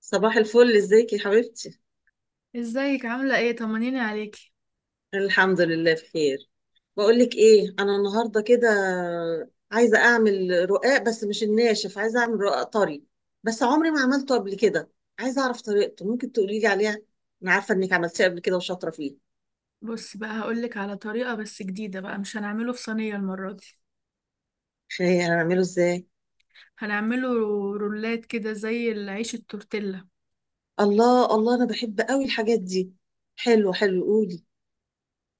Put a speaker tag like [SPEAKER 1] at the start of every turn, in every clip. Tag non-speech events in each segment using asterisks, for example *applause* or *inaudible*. [SPEAKER 1] صباح الفل، ازيك يا حبيبتي؟
[SPEAKER 2] ازيك؟ عاملة ايه؟ طمنيني عليكي.
[SPEAKER 1] الحمد لله بخير. بقول لك ايه، انا النهارده كده عايزه اعمل رقاق، بس مش الناشف، عايزه اعمل رقاق طري، بس عمري ما عملته قبل كده. عايزه اعرف طريقته، ممكن تقولي لي عليها؟ انا عارفه انك عملتيه قبل كده وشاطره فيه.
[SPEAKER 2] بصي بقى، هقولك على طريقة بس جديدة بقى. مش هنعمله في صينية المرة دي.
[SPEAKER 1] خير، هنعمله ازاي؟
[SPEAKER 2] هنعمله رولات كده، زي العيش التورتيلا.
[SPEAKER 1] الله الله، انا بحب قوي الحاجات دي. حلو حلو، قولي.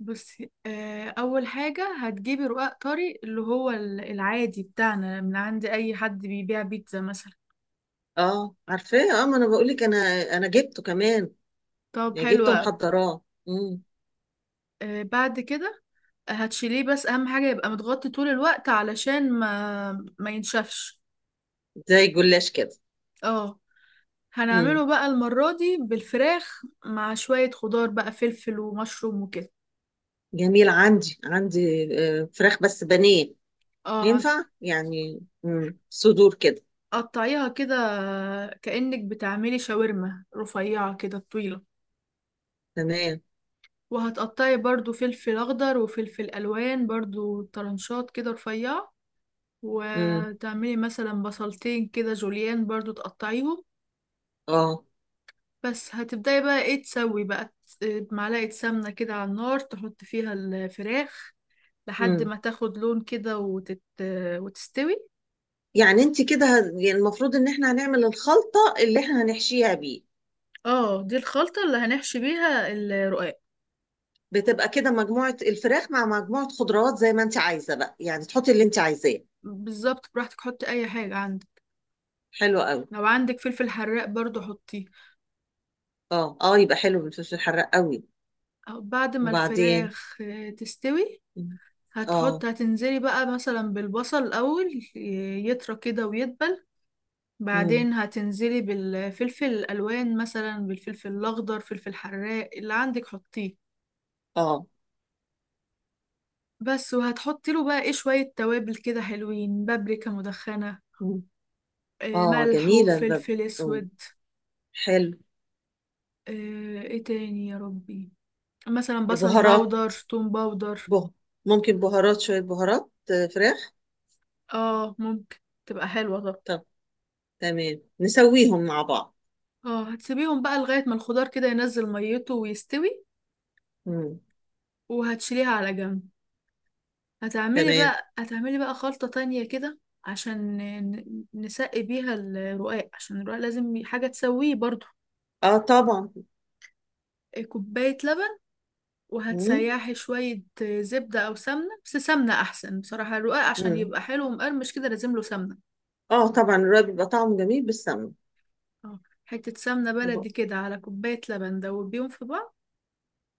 [SPEAKER 2] بصي، أول حاجة هتجيبي رقاق طري اللي هو العادي بتاعنا، من عند أي حد بيبيع بيتزا مثلا.
[SPEAKER 1] اه عارفاه، اه ما انا بقول لك انا، انا جبته كمان.
[SPEAKER 2] طب
[SPEAKER 1] يعني
[SPEAKER 2] حلو
[SPEAKER 1] جبته
[SPEAKER 2] أوي.
[SPEAKER 1] محضراه
[SPEAKER 2] آه، بعد كده هتشيليه، بس أهم حاجة يبقى متغطي طول الوقت، علشان ما ينشفش.
[SPEAKER 1] زي الجلاش كده.
[SPEAKER 2] اه،
[SPEAKER 1] امم
[SPEAKER 2] هنعمله بقى المرة دي بالفراخ مع شوية خضار بقى، فلفل ومشروم وكده.
[SPEAKER 1] جميل، عندي عندي آه، فراخ بس بانيه.
[SPEAKER 2] اه،
[SPEAKER 1] ينفع يعني صدور كده؟
[SPEAKER 2] هتقطعيها كده كأنك بتعملي شاورما رفيعة كده طويلة.
[SPEAKER 1] تمام.
[SPEAKER 2] وهتقطعي برضو فلفل أخضر وفلفل ألوان، برضو طرنشات كده رفيعة.
[SPEAKER 1] مم.
[SPEAKER 2] وتعملي مثلا بصلتين كده جوليان، برضو تقطعيهم.
[SPEAKER 1] اه.
[SPEAKER 2] بس هتبدأي بقى ايه؟ تسوي بقى معلقة سمنة كده على النار، تحط فيها الفراخ لحد
[SPEAKER 1] مم.
[SPEAKER 2] ما تاخد لون كده وتستوي.
[SPEAKER 1] يعني انت كده يعني المفروض ان احنا هنعمل الخلطة اللي احنا هنحشيها بيه.
[SPEAKER 2] اه، دي الخلطة اللي هنحشي بيها الرقاق.
[SPEAKER 1] بتبقى كده مجموعة الفراخ مع مجموعة خضروات زي ما انت عايزة بقى، يعني تحطي اللي انت عايزاه.
[SPEAKER 2] بالظبط، براحتك حطي اي حاجة عندك.
[SPEAKER 1] حلو قوي.
[SPEAKER 2] لو عندك فلفل حراق برضو حطيه.
[SPEAKER 1] اه اه، يبقى حلو بالفلفل الحراق قوي.
[SPEAKER 2] أو بعد ما
[SPEAKER 1] وبعدين؟
[SPEAKER 2] الفراخ تستوي،
[SPEAKER 1] مم. اه
[SPEAKER 2] هتنزلي بقى مثلا بالبصل الأول، يطرى كده ويدبل.
[SPEAKER 1] مم.
[SPEAKER 2] بعدين هتنزلي بالفلفل الألوان، مثلا بالفلفل الأخضر، فلفل حراق اللي عندك حطيه.
[SPEAKER 1] اه.
[SPEAKER 2] بس وهتحطي له بقى ايه؟ شوية توابل كده حلوين، بابريكا مدخنة،
[SPEAKER 1] مم. اه
[SPEAKER 2] ملح
[SPEAKER 1] جميلة البابريكا
[SPEAKER 2] وفلفل أسود.
[SPEAKER 1] حلو.
[SPEAKER 2] ايه تاني يا ربي؟ مثلا بصل
[SPEAKER 1] بهارات،
[SPEAKER 2] باودر، توم باودر.
[SPEAKER 1] بهار، ممكن بهارات، شوية بهارات آه، فراخ.
[SPEAKER 2] اه ممكن، تبقى حلوة طبعا.
[SPEAKER 1] طب تمام، نسويهم مع بعض.
[SPEAKER 2] اه، هتسيبيهم بقى لغاية ما الخضار كده ينزل ميته ويستوي.
[SPEAKER 1] مم.
[SPEAKER 2] وهتشيليها على جنب.
[SPEAKER 1] تمام.
[SPEAKER 2] هتعملي بقى خلطة تانية كده، عشان نسقي بيها الرقاق، عشان الرقاق لازم حاجة تسويه برضو.
[SPEAKER 1] اه طبعا.
[SPEAKER 2] كوباية لبن.
[SPEAKER 1] مم.
[SPEAKER 2] وهتسيحي شوية زبدة أو سمنة، بس سمنة أحسن بصراحة. الرقاق عشان
[SPEAKER 1] مم.
[SPEAKER 2] يبقى حلو ومقرمش كده لازم له سمنة.
[SPEAKER 1] اه طبعا، الرق بيبقى طعمه جميل بالسمنة.
[SPEAKER 2] اه، حتة سمنة بلدي
[SPEAKER 1] ب...
[SPEAKER 2] كده على كوباية لبن، دوبيهم في بعض.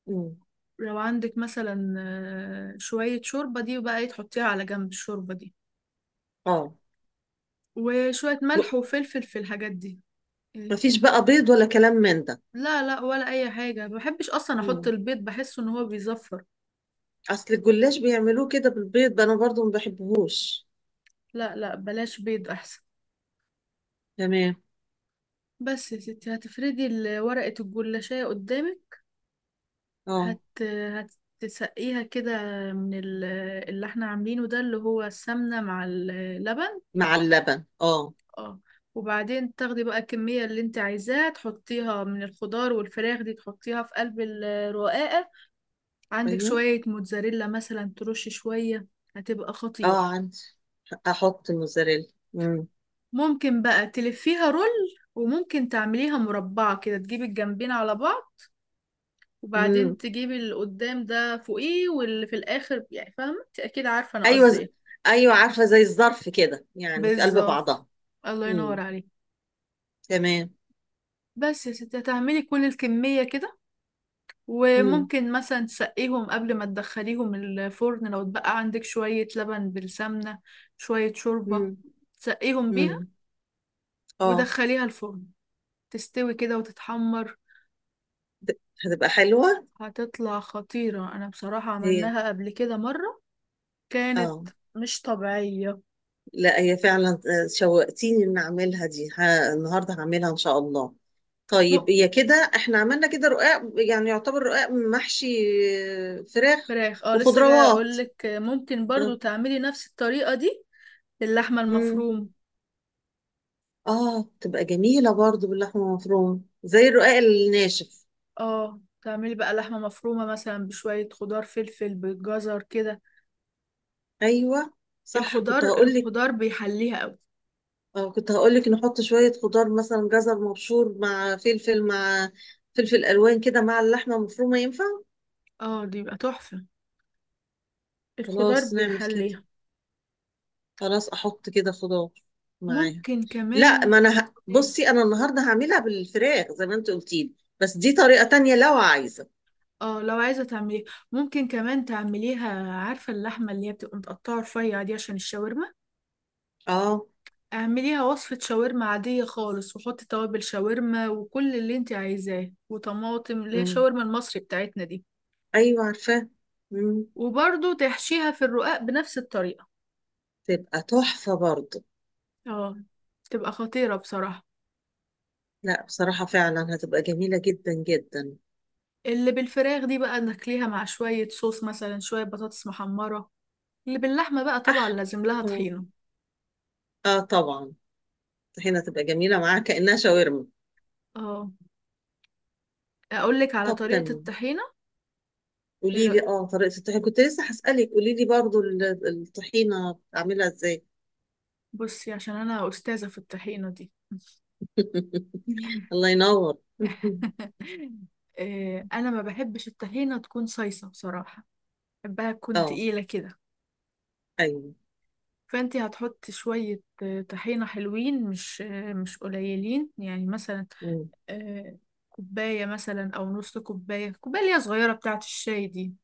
[SPEAKER 1] مم.
[SPEAKER 2] لو عندك مثلا شوية شوربة، دي بقى ايه، تحطيها على جنب، الشوربة دي
[SPEAKER 1] اه.
[SPEAKER 2] وشوية
[SPEAKER 1] م-
[SPEAKER 2] ملح وفلفل في الحاجات دي. إيه؟
[SPEAKER 1] مفيش بقى بيض ولا كلام من ده؟
[SPEAKER 2] لا لا، ولا أي حاجة. ما بحبش أصلا أحط
[SPEAKER 1] مم.
[SPEAKER 2] البيض، بحسه إن هو بيزفر.
[SPEAKER 1] اصل الجلاش بيعملوه كده بالبيض، ده انا برضو ما بحبهوش.
[SPEAKER 2] لا لا، بلاش بيض أحسن.
[SPEAKER 1] تمام.
[SPEAKER 2] بس يا ستي هتفردي ورقة الجلاشية قدامك،
[SPEAKER 1] اه.
[SPEAKER 2] هت هتسقيها كده من اللي احنا عاملينه ده، اللي هو السمنة مع اللبن.
[SPEAKER 1] مع اللبن اه.
[SPEAKER 2] اه. وبعدين تاخدي بقى الكمية اللي انت عايزاها، تحطيها من الخضار والفراخ دي، تحطيها في قلب الرقاقة. عندك
[SPEAKER 1] ايوه.
[SPEAKER 2] شوية موتزاريلا مثلا ترشي شوية، هتبقى خطيرة.
[SPEAKER 1] اه عندي، احط موزاريلا. مم.
[SPEAKER 2] ممكن بقى تلفيها رول، وممكن تعمليها مربعة كده، تجيبي الجنبين على بعض، وبعدين
[SPEAKER 1] مم.
[SPEAKER 2] تجيبي اللي قدام ده فوقيه، واللي في الآخر، يعني فاهمة انت، أكيد عارفة أنا
[SPEAKER 1] ايوه
[SPEAKER 2] قصدي ايه.
[SPEAKER 1] ايوه عارفه، زي الظرف كده يعني في قلب
[SPEAKER 2] بالظبط،
[SPEAKER 1] بعضها.
[SPEAKER 2] الله ينور
[SPEAKER 1] امم
[SPEAKER 2] عليك.
[SPEAKER 1] تمام.
[SPEAKER 2] بس يا ستي هتعملي كل الكمية كده.
[SPEAKER 1] امم
[SPEAKER 2] وممكن مثلا تسقيهم قبل ما تدخليهم الفرن، لو اتبقى عندك شوية لبن بالسمنة، شوية شوربة،
[SPEAKER 1] امم
[SPEAKER 2] تسقيهم بيها.
[SPEAKER 1] امم اه.
[SPEAKER 2] ودخليها الفرن، تستوي كده وتتحمر.
[SPEAKER 1] هتبقى حلوه
[SPEAKER 2] هتطلع خطيرة، أنا بصراحة
[SPEAKER 1] هي.
[SPEAKER 2] عملناها قبل كده مرة، كانت
[SPEAKER 1] اه.
[SPEAKER 2] مش طبيعية.
[SPEAKER 1] لا هي فعلا آه، شوقتيني ان اعملها دي النهارده هعملها ان شاء الله.
[SPEAKER 2] م-
[SPEAKER 1] طيب هي كده احنا عملنا كده رقاق، يعني يعتبر رقاق محشي آه، فراخ
[SPEAKER 2] فراخ، اه لسه جاية
[SPEAKER 1] وخضروات.
[SPEAKER 2] أقولك، ممكن
[SPEAKER 1] اه.
[SPEAKER 2] برضو تعملي نفس الطريقة دي للحمة
[SPEAKER 1] امم
[SPEAKER 2] المفروم.
[SPEAKER 1] اه، تبقى جميله برضو باللحمه المفرومه زي الرقاق الناشف.
[SPEAKER 2] اه، تعملي بقى لحمة مفرومة مثلا بشوية خضار، فلفل بالجزر كده.
[SPEAKER 1] ايوه، صح كنت هقول لك.
[SPEAKER 2] الخضار بيحليها قوي.
[SPEAKER 1] اه كنت هقولك نحط شوية خضار، مثلا جزر مبشور مع فلفل مع فلفل ألوان كده مع اللحمة المفرومة، ينفع؟
[SPEAKER 2] اه دي بقى تحفة، الخضار
[SPEAKER 1] خلاص نعمل كده،
[SPEAKER 2] بيحليها.
[SPEAKER 1] خلاص أحط كده خضار معاها.
[SPEAKER 2] ممكن
[SPEAKER 1] لا
[SPEAKER 2] كمان.
[SPEAKER 1] ما أنا
[SPEAKER 2] إيه؟
[SPEAKER 1] بصي، أنا النهاردة هعملها بالفراخ زي ما أنت قلتي لي. بس دي طريقة تانية لو عايزة.
[SPEAKER 2] اه لو عايزة تعمليها، ممكن كمان تعمليها. عارفة اللحمة اللي هي بتبقى متقطعة رفيع دي عشان الشاورما،
[SPEAKER 1] اه.
[SPEAKER 2] اعمليها وصفة شاورما عادية خالص، وحطي توابل شاورما وكل اللي انت عايزاه، وطماطم، اللي هي
[SPEAKER 1] مم.
[SPEAKER 2] الشاورما المصري بتاعتنا دي.
[SPEAKER 1] أيوة عارفاه. مم.
[SPEAKER 2] وبرضو تحشيها في الرقاق بنفس الطريقة.
[SPEAKER 1] تبقى تحفة برضه.
[SPEAKER 2] اه، تبقى خطيرة بصراحة.
[SPEAKER 1] لا بصراحة فعلا هتبقى جميلة جدا جدا.
[SPEAKER 2] اللي بالفراخ دي بقى ناكليها مع شوية صوص مثلا، شوية بطاطس محمرة. اللي باللحمة بقى طبعا
[SPEAKER 1] أح،
[SPEAKER 2] لازم لها
[SPEAKER 1] اه،
[SPEAKER 2] طحينة.
[SPEAKER 1] آه طبعا، هنا تبقى جميلة معاها كأنها شاورما.
[SPEAKER 2] اه، اقول لك على
[SPEAKER 1] طب
[SPEAKER 2] طريقة
[SPEAKER 1] تمام،
[SPEAKER 2] الطحينة. ايه
[SPEAKER 1] قولي لي
[SPEAKER 2] رأيك؟
[SPEAKER 1] اه طريقة الطحينة، كنت لسه هسألك. قولي لي برضو الطحينة بتعملها ازاي؟
[SPEAKER 2] بصي عشان انا استاذة في الطحينة دي.
[SPEAKER 1] *laughs* الله ينور *laughs*
[SPEAKER 2] *laughs* انا ما بحبش الطحينة تكون صيصة بصراحة، بحبها تكون
[SPEAKER 1] اه.
[SPEAKER 2] تقيلة كده.
[SPEAKER 1] ايوه.
[SPEAKER 2] فانتي هتحطي شوية طحينة، حلوين مش مش قليلين، يعني مثلا
[SPEAKER 1] مم.
[SPEAKER 2] آه، كوباية مثلا او نص كوباية، كوباية اللي هي صغيرة بتاعة الشاي دي،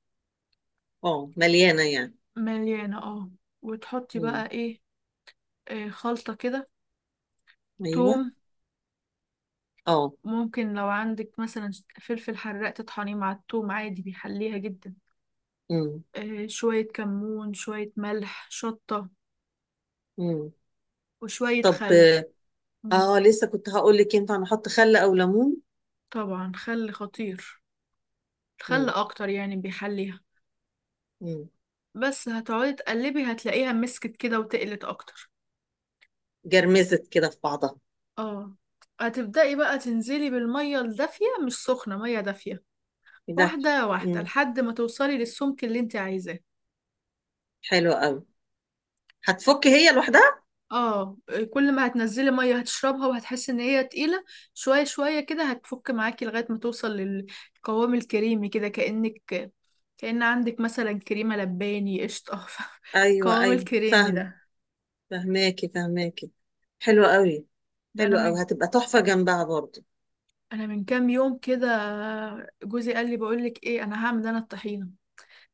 [SPEAKER 1] اه مليانة يعني.
[SPEAKER 2] مليانة. اه. وتحطي
[SPEAKER 1] مم.
[SPEAKER 2] بقى ايه؟ خلطة كده،
[SPEAKER 1] ايوه.
[SPEAKER 2] توم.
[SPEAKER 1] اه.
[SPEAKER 2] ممكن لو عندك مثلا فلفل حراق تطحنيه مع التوم، عادي بيحليها جدا.
[SPEAKER 1] مم.
[SPEAKER 2] شوية كمون، شوية ملح، شطة،
[SPEAKER 1] مم.
[SPEAKER 2] وشوية
[SPEAKER 1] طب،
[SPEAKER 2] خل. مم،
[SPEAKER 1] اه لسه كنت هقول لك ينفع نحط خل او ليمون.
[SPEAKER 2] طبعا خل خطير، الخل
[SPEAKER 1] مم.
[SPEAKER 2] أكتر يعني بيحليها.
[SPEAKER 1] مم.
[SPEAKER 2] بس هتقعدي تقلبي، هتلاقيها مسكت كده وتقلت أكتر.
[SPEAKER 1] جرمزت كده في بعضها.
[SPEAKER 2] اه، هتبدأي بقى تنزلي بالمية الدافية، مش سخنة، مية دافية،
[SPEAKER 1] إيه ده؟
[SPEAKER 2] واحدة واحدة،
[SPEAKER 1] مم.
[SPEAKER 2] لحد ما توصلي للسمك اللي انت عايزاه.
[SPEAKER 1] حلو قوي، هتفك هي لوحدها.
[SPEAKER 2] اه، كل ما هتنزلي ميه هتشربها، وهتحسي ان هي تقيله. شويه شويه كده هتفك معاكي، لغايه ما توصل للقوام الكريمي كده، كأنك كأن عندك مثلا كريمه لباني، قشطه. *laughs*
[SPEAKER 1] ايوه
[SPEAKER 2] القوام
[SPEAKER 1] ايوه،
[SPEAKER 2] الكريمي
[SPEAKER 1] فاهم.
[SPEAKER 2] ده.
[SPEAKER 1] فهماكي فهماكي. حلو قوي.
[SPEAKER 2] ده انا
[SPEAKER 1] حلو
[SPEAKER 2] من
[SPEAKER 1] قوي، هتبقى تحفة جنبها برضو.
[SPEAKER 2] انا من كام يوم كده، جوزي قال لي بقول لك ايه، انا الطحينه،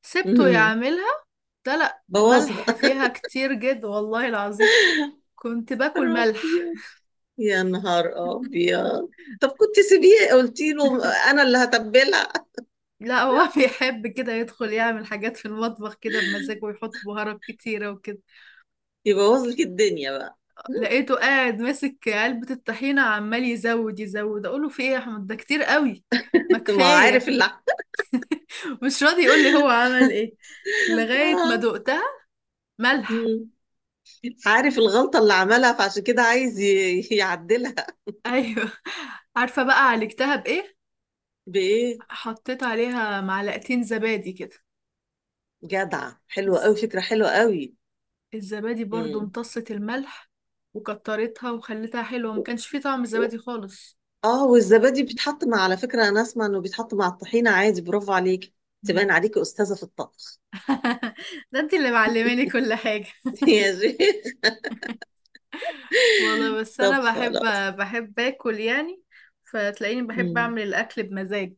[SPEAKER 2] سبته
[SPEAKER 1] مهم.
[SPEAKER 2] يعملها. لا لا،
[SPEAKER 1] بوظها
[SPEAKER 2] ملح
[SPEAKER 1] *laughs*
[SPEAKER 2] فيها كتير جد والله العظيم، كنت
[SPEAKER 1] يا
[SPEAKER 2] باكل ملح.
[SPEAKER 1] ربي، يا نهار
[SPEAKER 2] *laughs*
[SPEAKER 1] ابيض. طب كنت سيبيه، قلتي له انا اللي هتبلها.
[SPEAKER 2] لا، هو *laughs* بيحب كده يدخل يعمل حاجات في المطبخ كده بمزاجه، ويحط بهارات كتيرة وكده.
[SPEAKER 1] يبوظ لك الدنيا بقى. *laughs*
[SPEAKER 2] لقيته قاعد ماسك علبة الطحينة عمال يزود يزود، أقوله في إيه يا أحمد، ده كتير قوي، ما
[SPEAKER 1] ما هو عارف
[SPEAKER 2] كفاية.
[SPEAKER 1] اللي
[SPEAKER 2] *laughs* مش راضي يقول لي هو عمل إيه، لغاية ما
[SPEAKER 1] آه.
[SPEAKER 2] دقتها، ملح.
[SPEAKER 1] مم. عارف الغلطه اللي عملها، فعشان كده عايز يعدلها.
[SPEAKER 2] *laughs* أيوه. عارفة بقى عالجتها بإيه؟
[SPEAKER 1] بايه؟
[SPEAKER 2] حطيت عليها معلقتين زبادي كده.
[SPEAKER 1] جدع، حلوه قوي،
[SPEAKER 2] بس
[SPEAKER 1] فكره حلوه قوي.
[SPEAKER 2] الزبادي برضو
[SPEAKER 1] مم.
[SPEAKER 2] امتصت الملح وكترتها وخلتها حلوة، ما
[SPEAKER 1] و-
[SPEAKER 2] كانش فيه طعم
[SPEAKER 1] و-
[SPEAKER 2] الزبادي خالص.
[SPEAKER 1] اه والزبادي بيتحط مع، على فكره انا اسمع انه بيتحط مع الطحينه عادي، برافو عليك، تبان عليكي استاذه في الطبخ.
[SPEAKER 2] *laughs* ده انت اللي معلماني كل حاجة.
[SPEAKER 1] *laughs* يا شيخ
[SPEAKER 2] والله
[SPEAKER 1] *laughs*
[SPEAKER 2] بس
[SPEAKER 1] طب
[SPEAKER 2] انا
[SPEAKER 1] خلاص.
[SPEAKER 2] بحب اكل يعني، فتلاقيني بحب
[SPEAKER 1] مم.
[SPEAKER 2] اعمل الاكل بمزاج.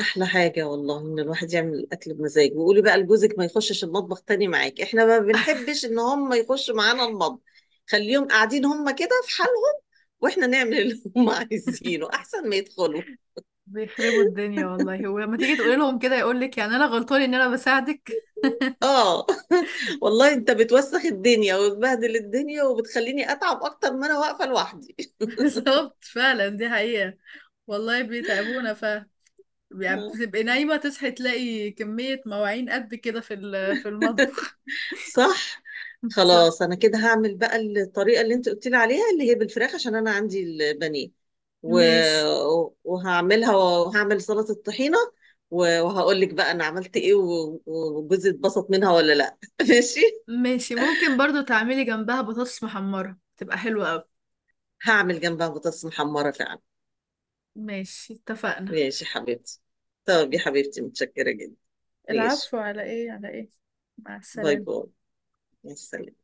[SPEAKER 1] احلى حاجه والله ان الواحد يعمل الاكل بمزاجه. وقولي بقى لجوزك ما يخشش المطبخ تاني معاك، احنا ما بنحبش ان هم يخشوا معانا المطبخ. خليهم قاعدين هم كده في حالهم، واحنا نعمل اللي هم *laughs* عايزينه احسن ما يدخلوا.
[SPEAKER 2] بيخربوا الدنيا والله، ولما تيجي تقولي لهم كده يقول لك يعني انا غلطان ان انا بساعدك.
[SPEAKER 1] اه. *laughs* والله انت بتوسخ الدنيا وبتبهدل الدنيا وبتخليني اتعب اكتر ما انا واقفه لوحدي.
[SPEAKER 2] *laughs* بالظبط فعلا، دي حقيقة. والله بيتعبونا، يعني
[SPEAKER 1] *laughs*
[SPEAKER 2] بتبقي نايمة تصحي تلاقي كمية مواعين قد كده في في المطبخ.
[SPEAKER 1] صح.
[SPEAKER 2] *laughs* بالظبط.
[SPEAKER 1] خلاص انا كده هعمل بقى الطريقه اللي انت قلت لي عليها اللي هي بالفراخ عشان انا عندي البانيه و...
[SPEAKER 2] ماشي.
[SPEAKER 1] وهعملها، وهعمل سلطه طحينه، وهقول لك بقى انا عملت ايه وجوزي اتبسط منها ولا لا. *laughs* ماشي.
[SPEAKER 2] ماشي، ممكن برضو تعملي جنبها بطاطس محمرة، تبقى حلوة أوي.
[SPEAKER 1] هعمل جنبها بطاطس محمره فعلا.
[SPEAKER 2] ماشي، اتفقنا.
[SPEAKER 1] ماشي حبيبتي، طب يا حبيبتي متشكره جدا.
[SPEAKER 2] العفو،
[SPEAKER 1] ماشي.
[SPEAKER 2] على ايه على ايه. مع
[SPEAKER 1] باي
[SPEAKER 2] السلامة.
[SPEAKER 1] باي. مع السلامه.